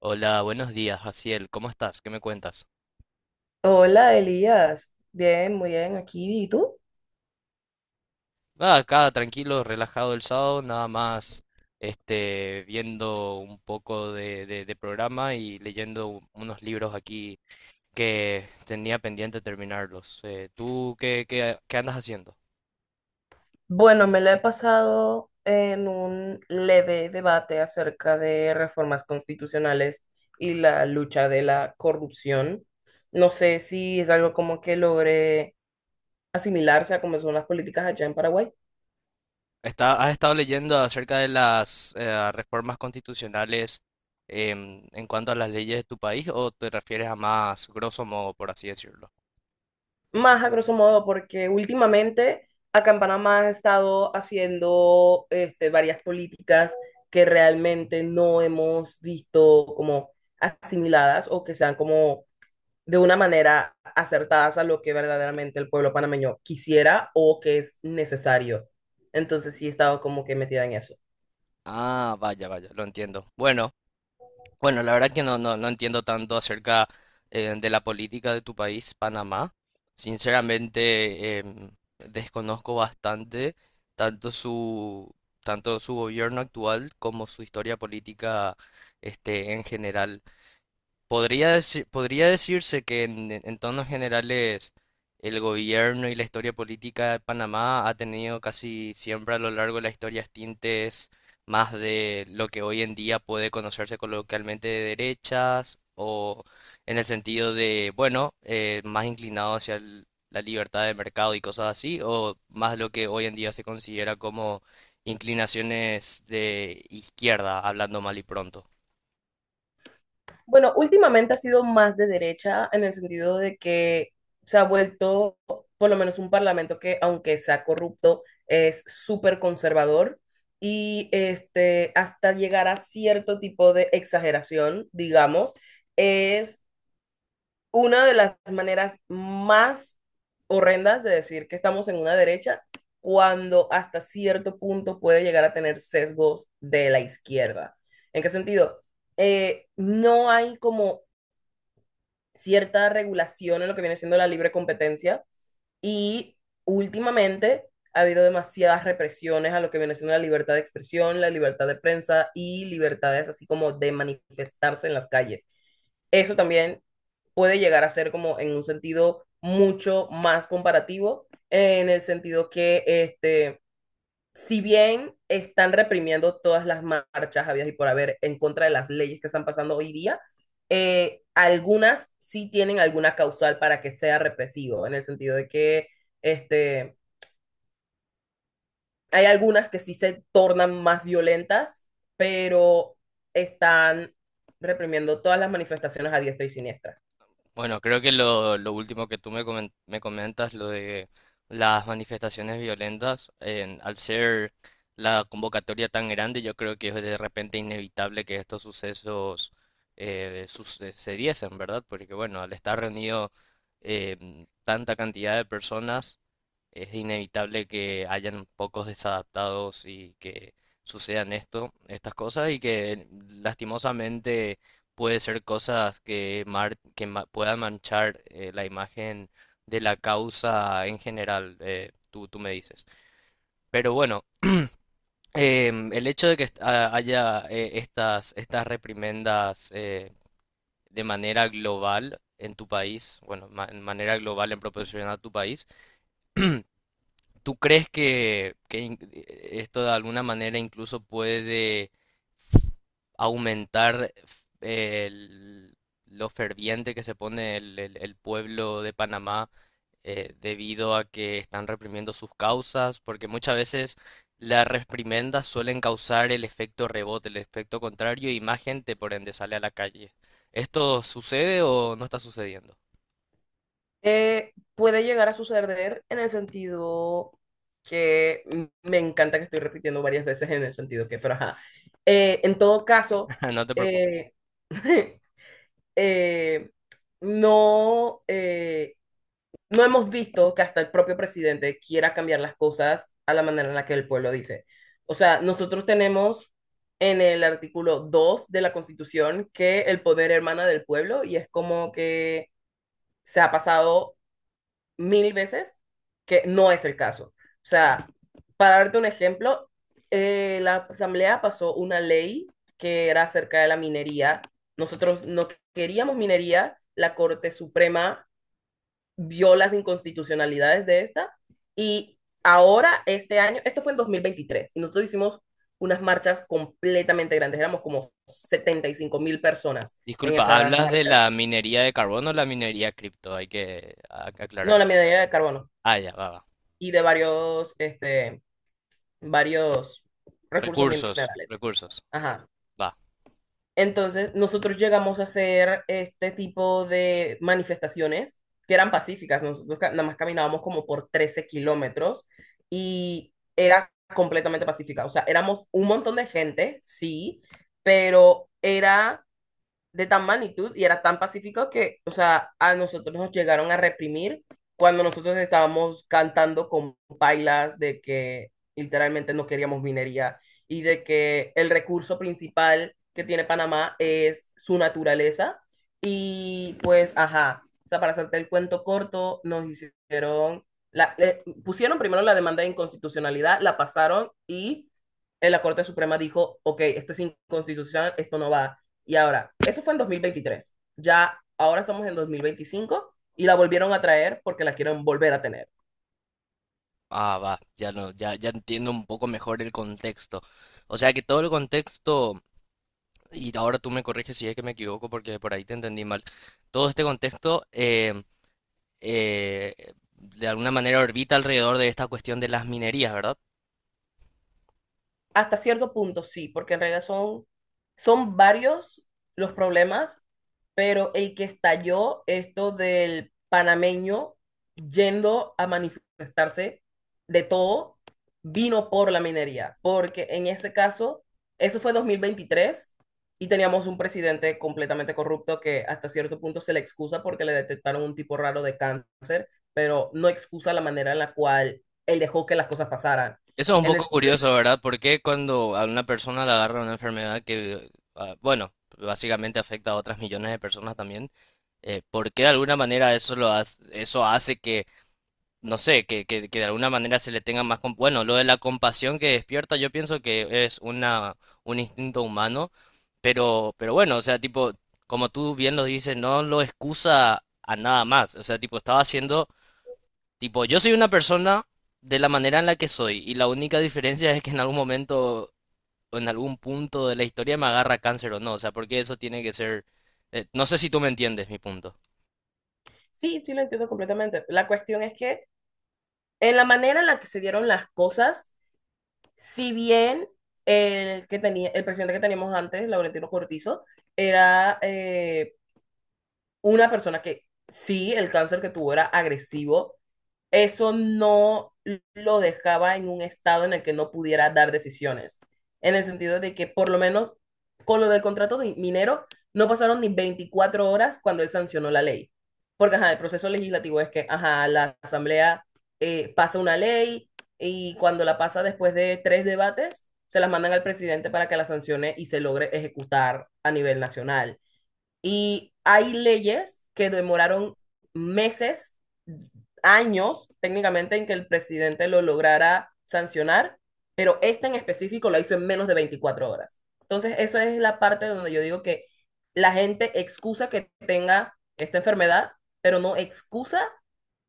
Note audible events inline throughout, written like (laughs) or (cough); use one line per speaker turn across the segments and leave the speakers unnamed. Hola, buenos días, Jaciel. ¿Cómo estás? ¿Qué me cuentas?
Hola Elías, bien, muy bien, aquí. ¿Y tú?
Nada, acá tranquilo, relajado el sábado, nada más viendo un poco de programa y leyendo unos libros aquí que tenía pendiente terminarlos. ¿Tú qué andas haciendo?
Bueno, me la he pasado en un leve debate acerca de reformas constitucionales y la lucha de la corrupción. No sé si es algo como que logré asimilarse a cómo son las políticas allá en Paraguay.
¿Has estado leyendo acerca de las reformas constitucionales en cuanto a las leyes de tu país o te refieres a más grosso modo, por así decirlo?
Más a grosso modo, porque últimamente acá en Panamá han estado haciendo varias políticas que realmente no hemos visto como asimiladas o que sean como de una manera acertadas a lo que verdaderamente el pueblo panameño quisiera o que es necesario. Entonces sí he estado como que metida en eso.
Ah, vaya, vaya, lo entiendo. Bueno. Bueno, la verdad que no entiendo tanto acerca de la política de tu país, Panamá. Sinceramente, desconozco bastante tanto su, tanto su gobierno actual como su historia política en general. Podría decirse que en tonos generales el gobierno y la historia política de Panamá ha tenido casi siempre a lo largo de la historia tintes más de lo que hoy en día puede conocerse coloquialmente de derechas o en el sentido de, bueno, más inclinado hacia la libertad de mercado y cosas así, o más lo que hoy en día se considera como inclinaciones de izquierda, hablando mal y pronto.
Bueno, últimamente ha sido más de derecha en el sentido de que se ha vuelto por lo menos un parlamento que, aunque sea corrupto, es súper conservador y hasta llegar a cierto tipo de exageración, digamos, es una de las maneras más horrendas de decir que estamos en una derecha cuando hasta cierto punto puede llegar a tener sesgos de la izquierda. ¿En qué sentido? No hay como cierta regulación en lo que viene siendo la libre competencia y últimamente ha habido demasiadas represiones a lo que viene siendo la libertad de expresión, la libertad de prensa y libertades así como de manifestarse en las calles. Eso también puede llegar a ser como en un sentido mucho más comparativo, en el sentido que si bien están reprimiendo todas las marchas habidas y por haber en contra de las leyes que están pasando hoy día, algunas sí tienen alguna causal para que sea represivo, en el sentido de que este, hay algunas que sí se tornan más violentas, pero están reprimiendo todas las manifestaciones a diestra y siniestra.
Bueno, creo que lo último que tú me, me comentas, lo de las manifestaciones violentas, al ser la convocatoria tan grande, yo creo que es de repente inevitable que estos sucesos sucediesen, ¿verdad? Porque bueno, al estar reunido tanta cantidad de personas, es inevitable que hayan pocos desadaptados y que sucedan esto, estas cosas y que lastimosamente puede ser cosas que puedan manchar la imagen de la causa en general, tú me dices. Pero bueno, el hecho de que haya estas reprimendas de manera global en tu país, bueno, de manera global en proporción a tu país, ¿tú crees que esto de alguna manera incluso puede aumentar eh, el- lo ferviente que se pone el pueblo de Panamá debido a que están reprimiendo sus causas, porque muchas veces las reprimendas suelen causar el efecto rebote, el efecto contrario y más gente por ende sale a la calle. ¿Esto sucede o no está sucediendo?
Puede llegar a suceder en el sentido que me encanta que estoy repitiendo varias veces en el sentido que, pero ajá. En todo caso,
(laughs) No te preocupes.
eh, (laughs) eh, no, no hemos visto que hasta el propio presidente quiera cambiar las cosas a la manera en la que el pueblo dice. O sea, nosotros tenemos en el artículo 2 de la Constitución que el poder hermana del pueblo y es como que se ha pasado mil veces que no es el caso. O sea, para darte un ejemplo, la Asamblea pasó una ley que era acerca de la minería. Nosotros no queríamos minería, la Corte Suprema vio las inconstitucionalidades de esta y ahora este año, esto fue en 2023, y nosotros hicimos unas marchas completamente grandes, éramos como 75,000 personas en
Disculpa,
esas
¿hablas de
marchas.
la minería de carbono o la minería cripto? Hay que
No,
aclarar.
la minería de carbono
Ah, ya, va, va.
y de varios recursos
Recursos,
minerales.
recursos.
Ajá.
Va.
Entonces, nosotros llegamos a hacer este tipo de manifestaciones que eran pacíficas. Nosotros nada más caminábamos como por 13 kilómetros y era completamente pacífica. O sea, éramos un montón de gente, sí, pero era de tan magnitud y era tan pacífico que, o sea, a nosotros nos llegaron a reprimir cuando nosotros estábamos cantando con pailas de que literalmente no queríamos minería y de que el recurso principal que tiene Panamá es su naturaleza y pues, ajá, o sea, para hacerte el cuento corto, nos hicieron, pusieron primero la demanda de inconstitucionalidad, la pasaron y, la Corte Suprema dijo, ok, esto es inconstitucional, esto no va. Y ahora, eso fue en 2023. Ya ahora estamos en 2025 y la volvieron a traer porque la quieren volver a tener.
Ah, va. Ya no, ya, ya entiendo un poco mejor el contexto. O sea que todo el contexto, y ahora tú me corriges si es que me equivoco porque por ahí te entendí mal. Todo este contexto de alguna manera orbita alrededor de esta cuestión de las minerías, ¿verdad?
Hasta cierto punto sí, porque en realidad son varios los problemas, pero el que estalló esto del panameño yendo a manifestarse de todo vino por la minería, porque en ese caso, eso fue 2023 y teníamos un presidente completamente corrupto que hasta cierto punto se le excusa porque le detectaron un tipo raro de cáncer, pero no excusa la manera en la cual él dejó que las cosas pasaran.
Eso es un
En el
poco
sentido.
curioso, ¿verdad? Porque cuando a una persona le agarra una enfermedad que, ah, bueno, básicamente afecta a otras millones de personas también, ¿por qué de alguna manera eso lo hace, eso hace que, no sé, que de alguna manera se le tenga más... Bueno, lo de la compasión que despierta, yo pienso que es una, un instinto humano, pero bueno, o sea, tipo, como tú bien lo dices, no lo excusa a nada más, o sea, tipo, estaba haciendo tipo, yo soy una persona de la manera en la que soy y la única diferencia es que en algún momento o en algún punto de la historia me agarra cáncer o no, o sea, porque eso tiene que ser... no sé si tú me entiendes mi punto.
Sí, sí, lo entiendo completamente. La cuestión es que en la manera en la que se dieron las cosas, si bien el que tenía, el presidente que teníamos antes, Laurentino Cortizo, era una persona que sí, el cáncer que tuvo era agresivo, eso no lo dejaba en un estado en el que no pudiera dar decisiones. En el sentido de que por lo menos con lo del contrato de minero no pasaron ni 24 horas cuando él sancionó la ley. Porque ajá, el proceso legislativo es que ajá, la asamblea pasa una ley y cuando la pasa después de tres debates, se las mandan al presidente para que la sancione y se logre ejecutar a nivel nacional. Y hay leyes que demoraron meses, años técnicamente en que el presidente lo lograra sancionar, pero esta en específico la hizo en menos de 24 horas. Entonces, esa es la parte donde yo digo que la gente excusa que tenga esta enfermedad, pero no excusa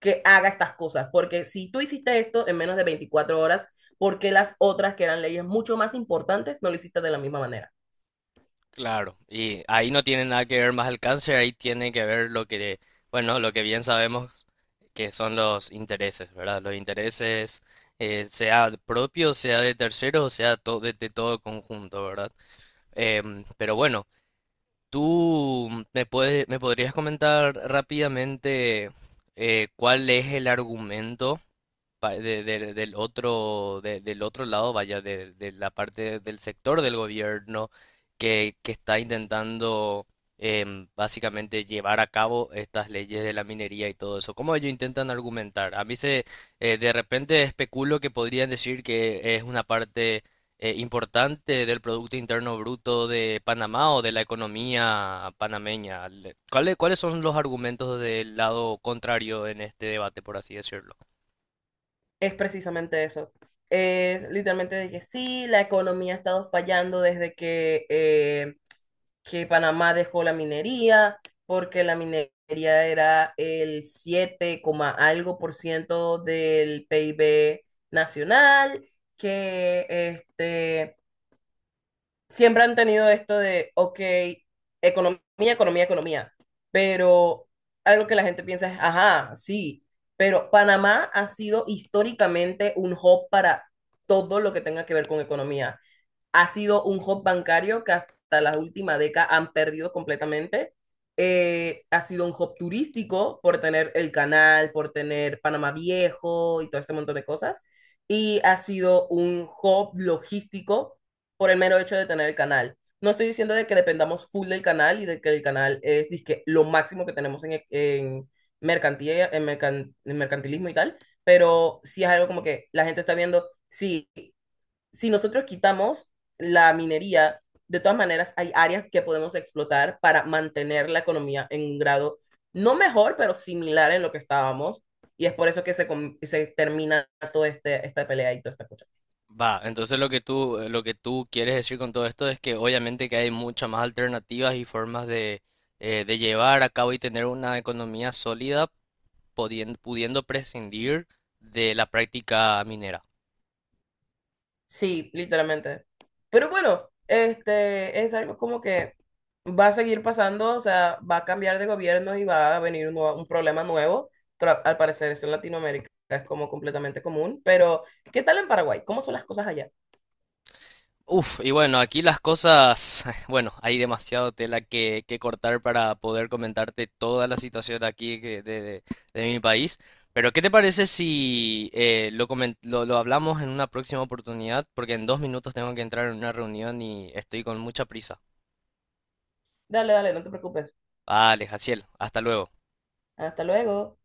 que haga estas cosas, porque si tú hiciste esto en menos de 24 horas, ¿por qué las otras que eran leyes mucho más importantes no lo hiciste de la misma manera?
Claro. Y ahí no tiene nada que ver más el cáncer, ahí tiene que ver lo que, bueno, lo que bien sabemos que son los intereses, ¿verdad? Los intereses, sea propio, sea de terceros, sea de todo el conjunto, ¿verdad? Pero bueno. Me podrías comentar rápidamente cuál es el argumento del otro, del otro lado, vaya, de la parte del sector del gobierno que está intentando básicamente llevar a cabo estas leyes de la minería y todo eso? ¿Cómo ellos intentan argumentar? De repente especulo que podrían decir que es una parte importante del Producto Interno Bruto de Panamá o de la economía panameña. ¿ Cuáles son los argumentos del lado contrario en este debate, por así decirlo?
Es precisamente eso. Es literalmente de que sí, la economía ha estado fallando desde que Panamá dejó la minería, porque la minería era el 7 coma algo por ciento del PIB nacional, que siempre han tenido esto de, ok, economía, economía, economía, pero algo que la gente piensa es, ajá, sí, pero Panamá ha sido históricamente un hub para todo lo que tenga que ver con economía ha sido un hub bancario que hasta la última década han perdido completamente. Ha sido un hub turístico por tener el canal, por tener Panamá Viejo y todo este montón de cosas. Y ha sido un hub logístico por el mero hecho de tener el canal. No estoy diciendo de que dependamos full del canal y de que el canal es dizque, lo máximo que tenemos en mercantilismo y tal, pero sí es algo como que la gente está viendo, sí, si nosotros quitamos la minería, de todas maneras hay áreas que podemos explotar para mantener la economía en un grado no mejor, pero similar en lo que estábamos. Y es por eso que se termina esta pelea y toda esta cosa.
Va, entonces lo que tú quieres decir con todo esto es que obviamente que hay muchas más alternativas y formas de de llevar a cabo y tener una economía sólida pudiendo prescindir de la práctica minera.
Sí, literalmente. Pero bueno, este es algo como que va a seguir pasando, o sea, va a cambiar de gobierno y va a venir un problema nuevo, pero al parecer eso en Latinoamérica es como completamente común. Pero, ¿qué tal en Paraguay? ¿Cómo son las cosas allá?
Uf, y bueno, aquí las cosas, (laughs) bueno, hay demasiado tela que cortar para poder comentarte toda la situación aquí de mi país. Pero, ¿qué te parece si lo hablamos en una próxima oportunidad? Porque en 2 minutos tengo que entrar en una reunión y estoy con mucha prisa.
Dale, dale, no te preocupes.
Vale, Jaciel, hasta luego.
Hasta luego.